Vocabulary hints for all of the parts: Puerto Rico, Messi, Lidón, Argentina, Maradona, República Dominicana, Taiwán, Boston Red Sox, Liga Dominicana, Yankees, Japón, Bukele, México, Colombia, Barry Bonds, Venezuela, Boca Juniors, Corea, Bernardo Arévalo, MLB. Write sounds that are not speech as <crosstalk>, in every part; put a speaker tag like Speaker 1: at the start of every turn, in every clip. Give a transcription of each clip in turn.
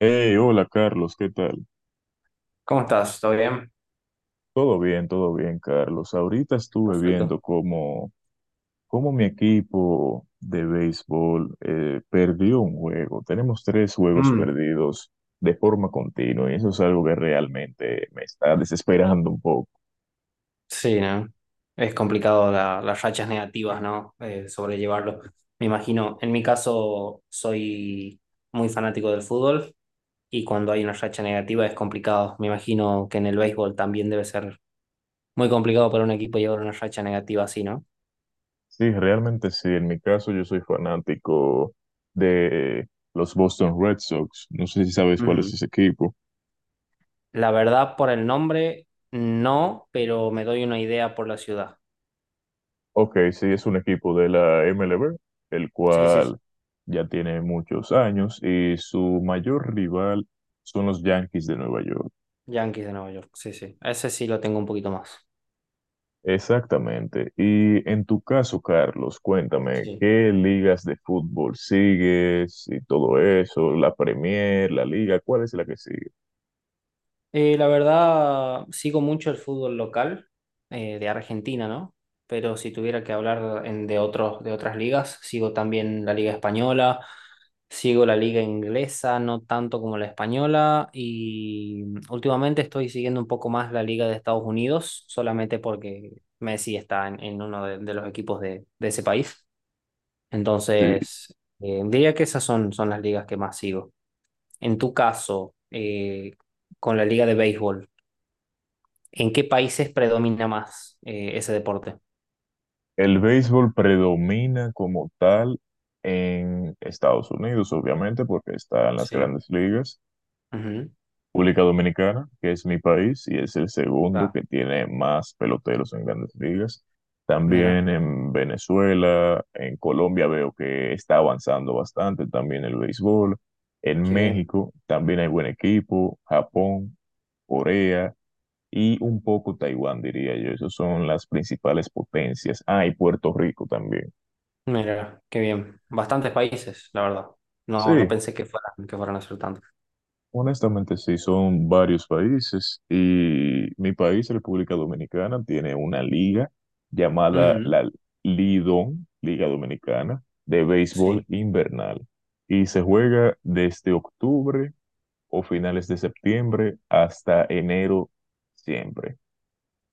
Speaker 1: Hey, hola Carlos, ¿qué tal?
Speaker 2: ¿Cómo estás? ¿Todo bien?
Speaker 1: Todo bien, Carlos. Ahorita estuve
Speaker 2: Perfecto.
Speaker 1: viendo cómo mi equipo de béisbol perdió un juego. Tenemos tres juegos
Speaker 2: Mm,
Speaker 1: perdidos de forma continua y eso es algo que realmente me está desesperando un poco.
Speaker 2: sí, ¿no? Es complicado las rachas negativas, ¿no? Sobrellevarlo. Me imagino, en mi caso soy muy fanático del fútbol y cuando hay una racha negativa es complicado. Me imagino que en el béisbol también debe ser muy complicado para un equipo llevar una racha negativa así, ¿no?
Speaker 1: Sí, realmente sí. En mi caso, yo soy fanático de los Boston Red Sox. No sé si sabes cuál es
Speaker 2: Ujú.
Speaker 1: ese equipo.
Speaker 2: La verdad, por el nombre, no, pero me doy una idea por la ciudad.
Speaker 1: Ok, sí, es un equipo de la MLB, el
Speaker 2: Sí, sí, sí.
Speaker 1: cual ya tiene muchos años y su mayor rival son los Yankees de Nueva York.
Speaker 2: Yankees de Nueva York. Sí, sí. Ese sí lo tengo un poquito más.
Speaker 1: Exactamente. Y en tu caso, Carlos, cuéntame,
Speaker 2: Sí.
Speaker 1: ¿qué ligas de fútbol sigues y todo eso? ¿La Premier, la Liga? ¿Cuál es la que sigue?
Speaker 2: La verdad, sigo mucho el fútbol local de Argentina, ¿no? Pero si tuviera que hablar de otros, de otras ligas, sigo también la liga española, sigo la liga inglesa, no tanto como la española, y últimamente estoy siguiendo un poco más la liga de Estados Unidos, solamente porque Messi está en uno de los equipos de ese país.
Speaker 1: Sí,
Speaker 2: Entonces, diría que esas son las ligas que más sigo. En tu caso, con la liga de béisbol. ¿En qué países predomina más ese deporte?
Speaker 1: el béisbol predomina como tal en Estados Unidos, obviamente, porque está en las
Speaker 2: Sí,
Speaker 1: grandes ligas.
Speaker 2: ujú.
Speaker 1: República Dominicana, que es mi país y es el segundo
Speaker 2: Ah,
Speaker 1: que tiene más peloteros en grandes ligas.
Speaker 2: mira,
Speaker 1: También en Venezuela, en Colombia veo que está avanzando bastante también el béisbol. En
Speaker 2: qué bien.
Speaker 1: México también hay buen equipo, Japón, Corea y un poco Taiwán, diría yo. Esas son las principales potencias. Ah, y Puerto Rico también.
Speaker 2: Mira, qué bien. Bastantes países, la verdad. No, no
Speaker 1: Sí,
Speaker 2: pensé que fueran a ser tantos.
Speaker 1: honestamente, sí, son varios países y mi país, República Dominicana, tiene una liga llamada
Speaker 2: Ujú.
Speaker 1: la Lidón, Liga Dominicana, de béisbol
Speaker 2: Sí,
Speaker 1: invernal y se juega desde octubre o finales de septiembre hasta enero siempre.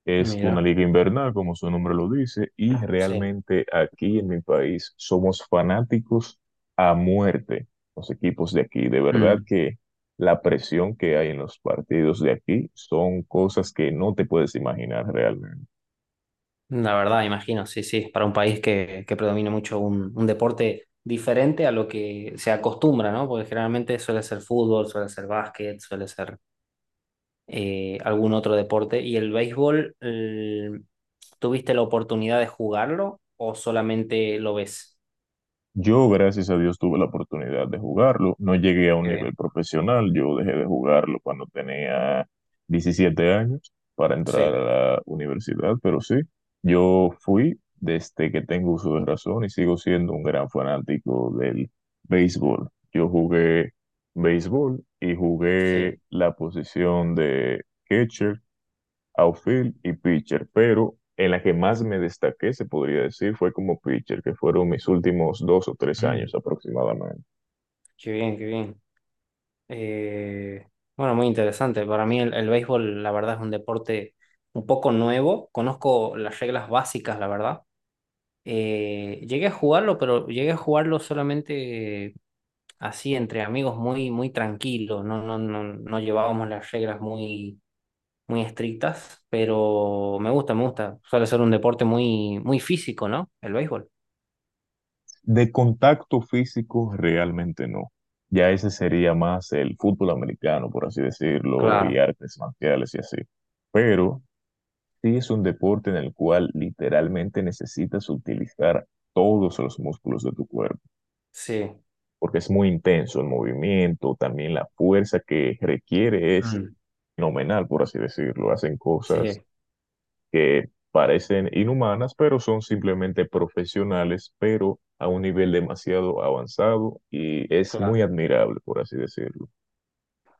Speaker 1: Es
Speaker 2: mira,
Speaker 1: una liga invernal, como su nombre lo dice, y
Speaker 2: sí.
Speaker 1: realmente aquí en mi país somos fanáticos a muerte, los equipos de aquí. De verdad
Speaker 2: Mm.
Speaker 1: que la presión que hay en los partidos de aquí son cosas que no te puedes imaginar realmente.
Speaker 2: La verdad, imagino, sí, sí, para un país que predomina mucho un deporte diferente a lo que se acostumbra, ¿no? Porque generalmente suele ser fútbol, suele ser básquet, suele ser algún otro deporte. ¿Y el béisbol, tuviste la oportunidad de jugarlo o solamente lo ves?
Speaker 1: Yo, gracias a Dios, tuve la oportunidad de jugarlo. No llegué a un
Speaker 2: Qué
Speaker 1: nivel
Speaker 2: bien.
Speaker 1: profesional. Yo dejé de jugarlo cuando tenía 17 años para entrar
Speaker 2: Sí,
Speaker 1: a la universidad, pero sí, yo fui desde que tengo uso de razón y sigo siendo un gran fanático del béisbol. Yo jugué béisbol y jugué
Speaker 2: sí.
Speaker 1: la posición de catcher, outfield y pitcher, pero en la que más me destaqué, se podría decir, fue como pitcher, que fueron mis últimos dos o tres
Speaker 2: Mm.
Speaker 1: años aproximadamente.
Speaker 2: Qué bien, qué bien. Eh, bueno, muy interesante. Para mí el béisbol, la verdad, es un deporte un poco nuevo. Conozco las reglas básicas, la verdad. Llegué a jugarlo, pero llegué a jugarlo solamente así entre amigos, muy, muy tranquilo. No, no, no, no llevábamos las reglas muy muy estrictas, pero me gusta, me gusta. Suele ser un deporte muy, muy físico, ¿no? El béisbol.
Speaker 1: De contacto físico, realmente no. Ya ese sería más el fútbol americano, por así decirlo, y
Speaker 2: Claro,
Speaker 1: artes marciales y así. Pero sí es un deporte en el cual literalmente necesitas utilizar todos los músculos de tu cuerpo,
Speaker 2: sí.
Speaker 1: porque es muy intenso el movimiento, también la fuerza que requiere es
Speaker 2: Mm,
Speaker 1: fenomenal, por así decirlo. Hacen cosas
Speaker 2: sí,
Speaker 1: que parecen inhumanas, pero son simplemente profesionales, pero a un nivel demasiado avanzado y es muy
Speaker 2: claro.
Speaker 1: admirable, por así decirlo.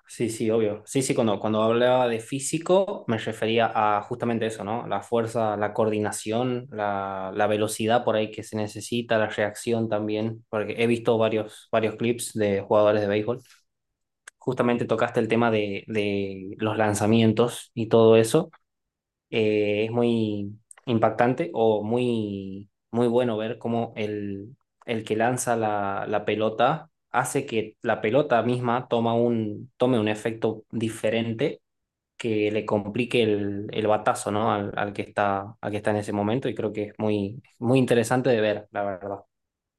Speaker 2: Sí, sí, obvio. Sí, sí, cuando, cuando hablaba de físico me refería a justamente eso, ¿no? La fuerza, la coordinación, la velocidad por ahí que se necesita, la reacción también, porque he visto varios, varios clips de jugadores de béisbol. Justamente tocaste el tema de los lanzamientos y todo eso. Es muy impactante o muy, muy bueno ver cómo el que lanza la pelota hace que la pelota misma tome un efecto diferente que le complique el batazo, ¿no? Al que está, al que está en ese momento y creo que es muy, muy interesante de ver, la verdad.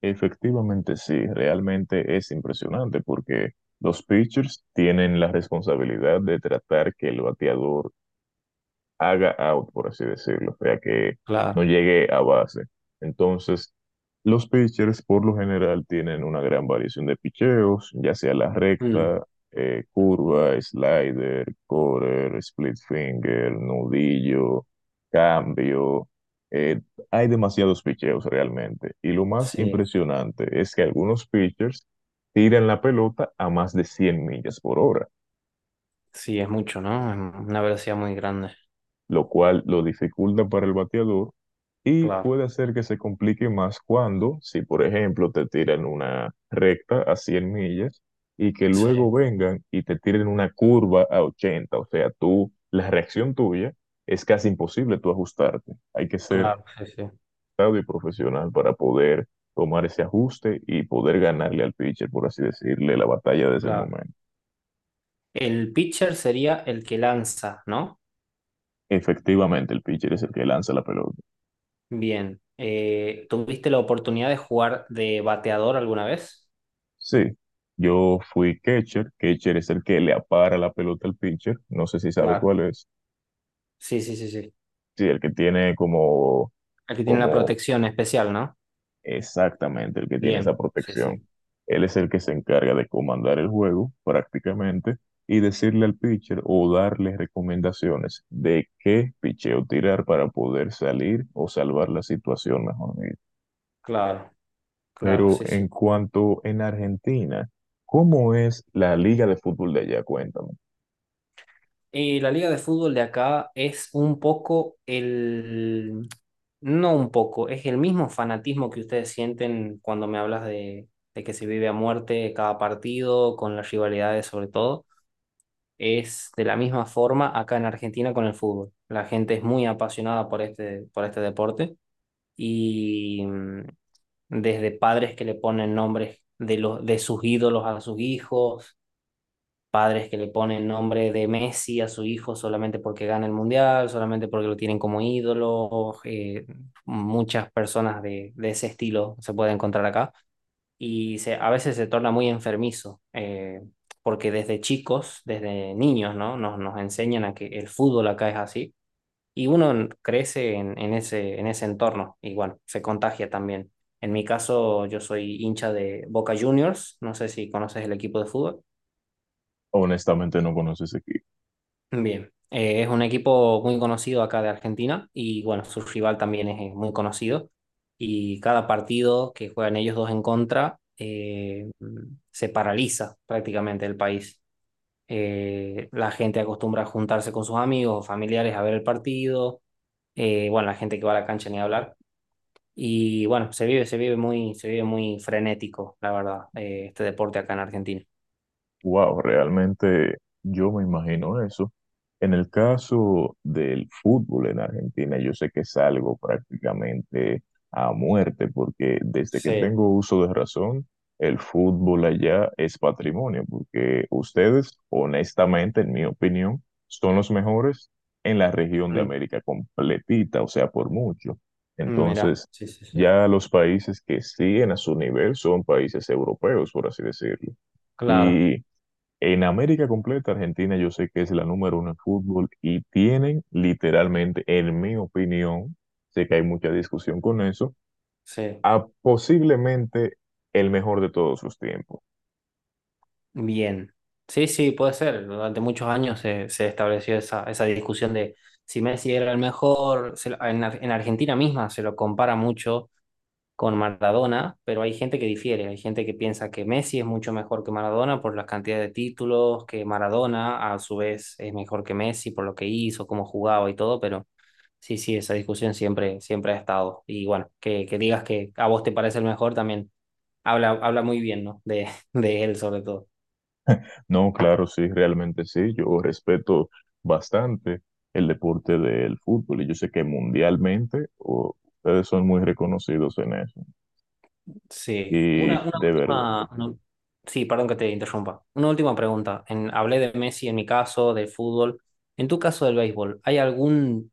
Speaker 1: Efectivamente, sí, realmente es impresionante porque los pitchers tienen la responsabilidad de tratar que el bateador haga out, por así decirlo, o sea, que no
Speaker 2: Claro.
Speaker 1: llegue a base. Entonces, los pitchers por lo general tienen una gran variación de picheos, ya sea la
Speaker 2: Mm,
Speaker 1: recta, curva, slider, quarter, split finger, nudillo, cambio. Eh, Hay demasiados picheos realmente. Y lo más
Speaker 2: sí,
Speaker 1: impresionante es que algunos pitchers tiran la pelota a más de 100 millas por hora,
Speaker 2: sí, es mucho, ¿no? Es una velocidad muy grande.
Speaker 1: lo cual lo dificulta para el bateador y
Speaker 2: Claro.
Speaker 1: puede hacer que se complique más cuando, si por ejemplo te tiran una recta a 100 millas y que luego
Speaker 2: Sí,
Speaker 1: vengan y te tiren una curva a 80, o sea, tú, la reacción tuya es casi imposible tú ajustarte. Hay que ser
Speaker 2: claro, sí, sí,
Speaker 1: sabio y profesional para poder tomar ese ajuste y poder ganarle al pitcher, por así decirle, la batalla de ese
Speaker 2: claro.
Speaker 1: momento.
Speaker 2: El pitcher sería el que lanza, ¿no?
Speaker 1: Efectivamente, el pitcher es el que lanza la pelota.
Speaker 2: Bien. ¿Tuviste la oportunidad de jugar de bateador alguna vez?
Speaker 1: Sí, yo fui catcher. Catcher es el que le apara la pelota al pitcher. No sé si sabes
Speaker 2: Claro.
Speaker 1: cuál es.
Speaker 2: Sí, sí, sí, sí.
Speaker 1: Sí, el que tiene como,
Speaker 2: Aquí tiene la
Speaker 1: como
Speaker 2: protección especial, ¿no?
Speaker 1: exactamente el que tiene esa
Speaker 2: Bien. Sí,
Speaker 1: protección.
Speaker 2: sí.
Speaker 1: Él es el que se encarga de comandar el juego prácticamente y decirle al pitcher o darle recomendaciones de qué picheo tirar para poder salir o salvar la situación, mejor dicho.
Speaker 2: Claro, claro,
Speaker 1: Pero
Speaker 2: sí, sí.
Speaker 1: en cuanto en Argentina, ¿cómo es la liga de fútbol de allá? Cuéntame.
Speaker 2: Y la liga de fútbol de acá es un poco. No un poco, es el mismo fanatismo que ustedes sienten cuando me hablas de que se vive a muerte cada partido, con las rivalidades sobre todo. Es de la misma forma acá en Argentina con el fútbol. La gente es muy apasionada por este deporte y desde padres que le ponen nombres de sus ídolos a sus hijos, padres que le ponen nombre de Messi a su hijo solamente porque gana el mundial, solamente porque lo tienen como ídolo. Muchas personas de ese estilo se pueden encontrar acá y a veces se torna muy enfermizo, porque desde chicos, desde niños, ¿no? Nos enseñan a que el fútbol acá es así, y uno crece en ese, en ese entorno, y bueno, se contagia también. En mi caso, yo soy hincha de Boca Juniors, no sé si conoces el equipo de fútbol.
Speaker 1: Honestamente no conoces aquí.
Speaker 2: Bien. Es un equipo muy conocido acá de Argentina y bueno, su rival también es muy conocido y cada partido que juegan ellos dos en contra se paraliza prácticamente el país. La gente acostumbra a juntarse con sus amigos o familiares a ver el partido. Bueno, la gente que va a la cancha ni hablar, y bueno, se vive muy frenético, la verdad, este deporte acá en Argentina.
Speaker 1: Wow, realmente yo me imagino eso. En el caso del fútbol en Argentina, yo sé que es algo prácticamente a muerte, porque desde que
Speaker 2: Sí,
Speaker 1: tengo uso de razón, el fútbol allá es patrimonio, porque ustedes, honestamente, en mi opinión, son los mejores en la región de
Speaker 2: mm,
Speaker 1: América completita, o sea, por mucho.
Speaker 2: mira,
Speaker 1: Entonces,
Speaker 2: sí, sí, sí.
Speaker 1: ya los países que siguen a su nivel son países europeos, por así decirlo.
Speaker 2: Claro,
Speaker 1: Y en América completa, Argentina yo sé que es la número uno en fútbol y tienen literalmente, en mi opinión, sé que hay mucha discusión con eso,
Speaker 2: sí.
Speaker 1: a posiblemente el mejor de todos los tiempos.
Speaker 2: Bien. Sí, sí, puede ser. Durante muchos años se estableció esa discusión de si Messi era el mejor. Se lo- en, Ar- En Argentina misma se lo compara mucho con Maradona, pero hay gente que difiere. Hay gente que piensa que Messi es mucho mejor que Maradona por la cantidad de títulos, que Maradona a su vez es mejor que Messi por lo que hizo, cómo jugaba y todo, pero sí, sí, esa discusión siempre, siempre ha estado. Y bueno, que digas que a vos te parece el mejor también habla, habla muy bien, ¿no? De, <laughs> de él sobre todo.
Speaker 1: No, claro, sí, realmente sí, yo respeto bastante el deporte del fútbol y yo sé que mundialmente o, ustedes son muy reconocidos en eso
Speaker 2: Sí,
Speaker 1: y de verdad.
Speaker 2: sí, perdón que te interrumpa. Una última pregunta. Hablé de Messi en mi caso, del fútbol. En tu caso del béisbol, ¿hay algún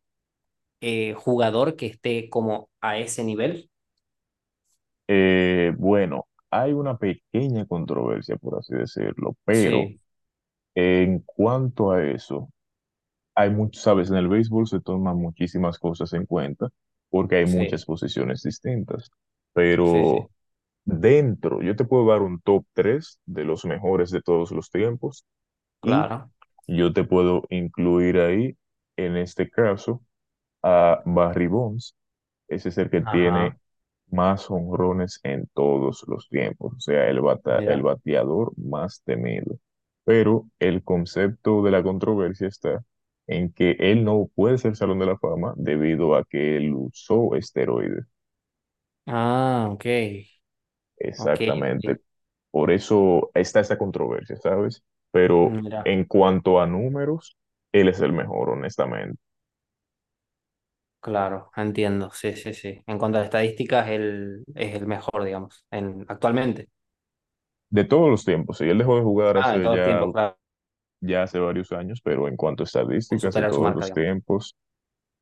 Speaker 2: jugador que esté como a ese nivel?
Speaker 1: Bueno, hay una pequeña controversia, por así decirlo, pero...
Speaker 2: Sí,
Speaker 1: En cuanto a eso, hay muchos. Sabes, en el béisbol se toman muchísimas cosas en cuenta porque hay
Speaker 2: sí,
Speaker 1: muchas posiciones distintas,
Speaker 2: sí, sí,
Speaker 1: pero dentro, yo te puedo dar un top 3 de los mejores de todos los tiempos y
Speaker 2: claro.
Speaker 1: yo te puedo incluir ahí, en este caso, a Barry Bonds. Ese es el que
Speaker 2: Ajá,
Speaker 1: tiene más jonrones en todos los tiempos, o sea, el
Speaker 2: mira.
Speaker 1: bateador más temido. Pero el concepto de la controversia está en que él no puede ser Salón de la Fama debido a que él usó esteroides.
Speaker 2: Ah, ok, ok,
Speaker 1: Exactamente.
Speaker 2: ok.
Speaker 1: Por eso está esa controversia, ¿sabes? Pero
Speaker 2: Mira,
Speaker 1: en cuanto a números, él es el mejor, honestamente.
Speaker 2: claro, entiendo, sí, sí, sí. En cuanto a estadísticas, él es el mejor, digamos, actualmente.
Speaker 1: De todos los tiempos, sí, él dejó de jugar
Speaker 2: Ah, de
Speaker 1: hace
Speaker 2: todos los
Speaker 1: ya
Speaker 2: tiempos, claro,
Speaker 1: ya hace varios años, pero en cuanto a
Speaker 2: o
Speaker 1: estadísticas de
Speaker 2: superar su
Speaker 1: todos
Speaker 2: marca,
Speaker 1: los
Speaker 2: digamos.
Speaker 1: tiempos,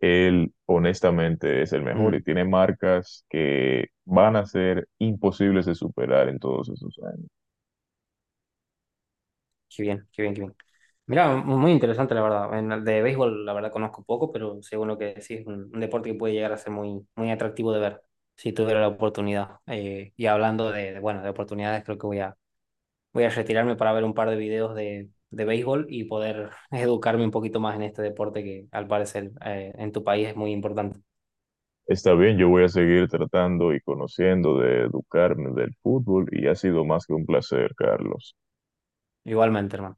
Speaker 1: él honestamente es el mejor y
Speaker 2: Mm.
Speaker 1: tiene marcas que van a ser imposibles de superar en todos esos años.
Speaker 2: Qué bien, qué bien, qué bien. Mira, muy interesante la verdad. En el de béisbol la verdad conozco poco, pero según lo que decís, es un deporte que puede llegar a ser muy, muy atractivo de ver, si tuviera la oportunidad. Y hablando bueno, de oportunidades, creo que voy a, voy a retirarme para ver un par de videos de béisbol y poder <laughs> educarme un poquito más en este deporte que al parecer en tu país es muy importante.
Speaker 1: Está bien, yo voy a seguir tratando y conociendo de educarme del fútbol y ha sido más que un placer, Carlos.
Speaker 2: Igualmente, hermano.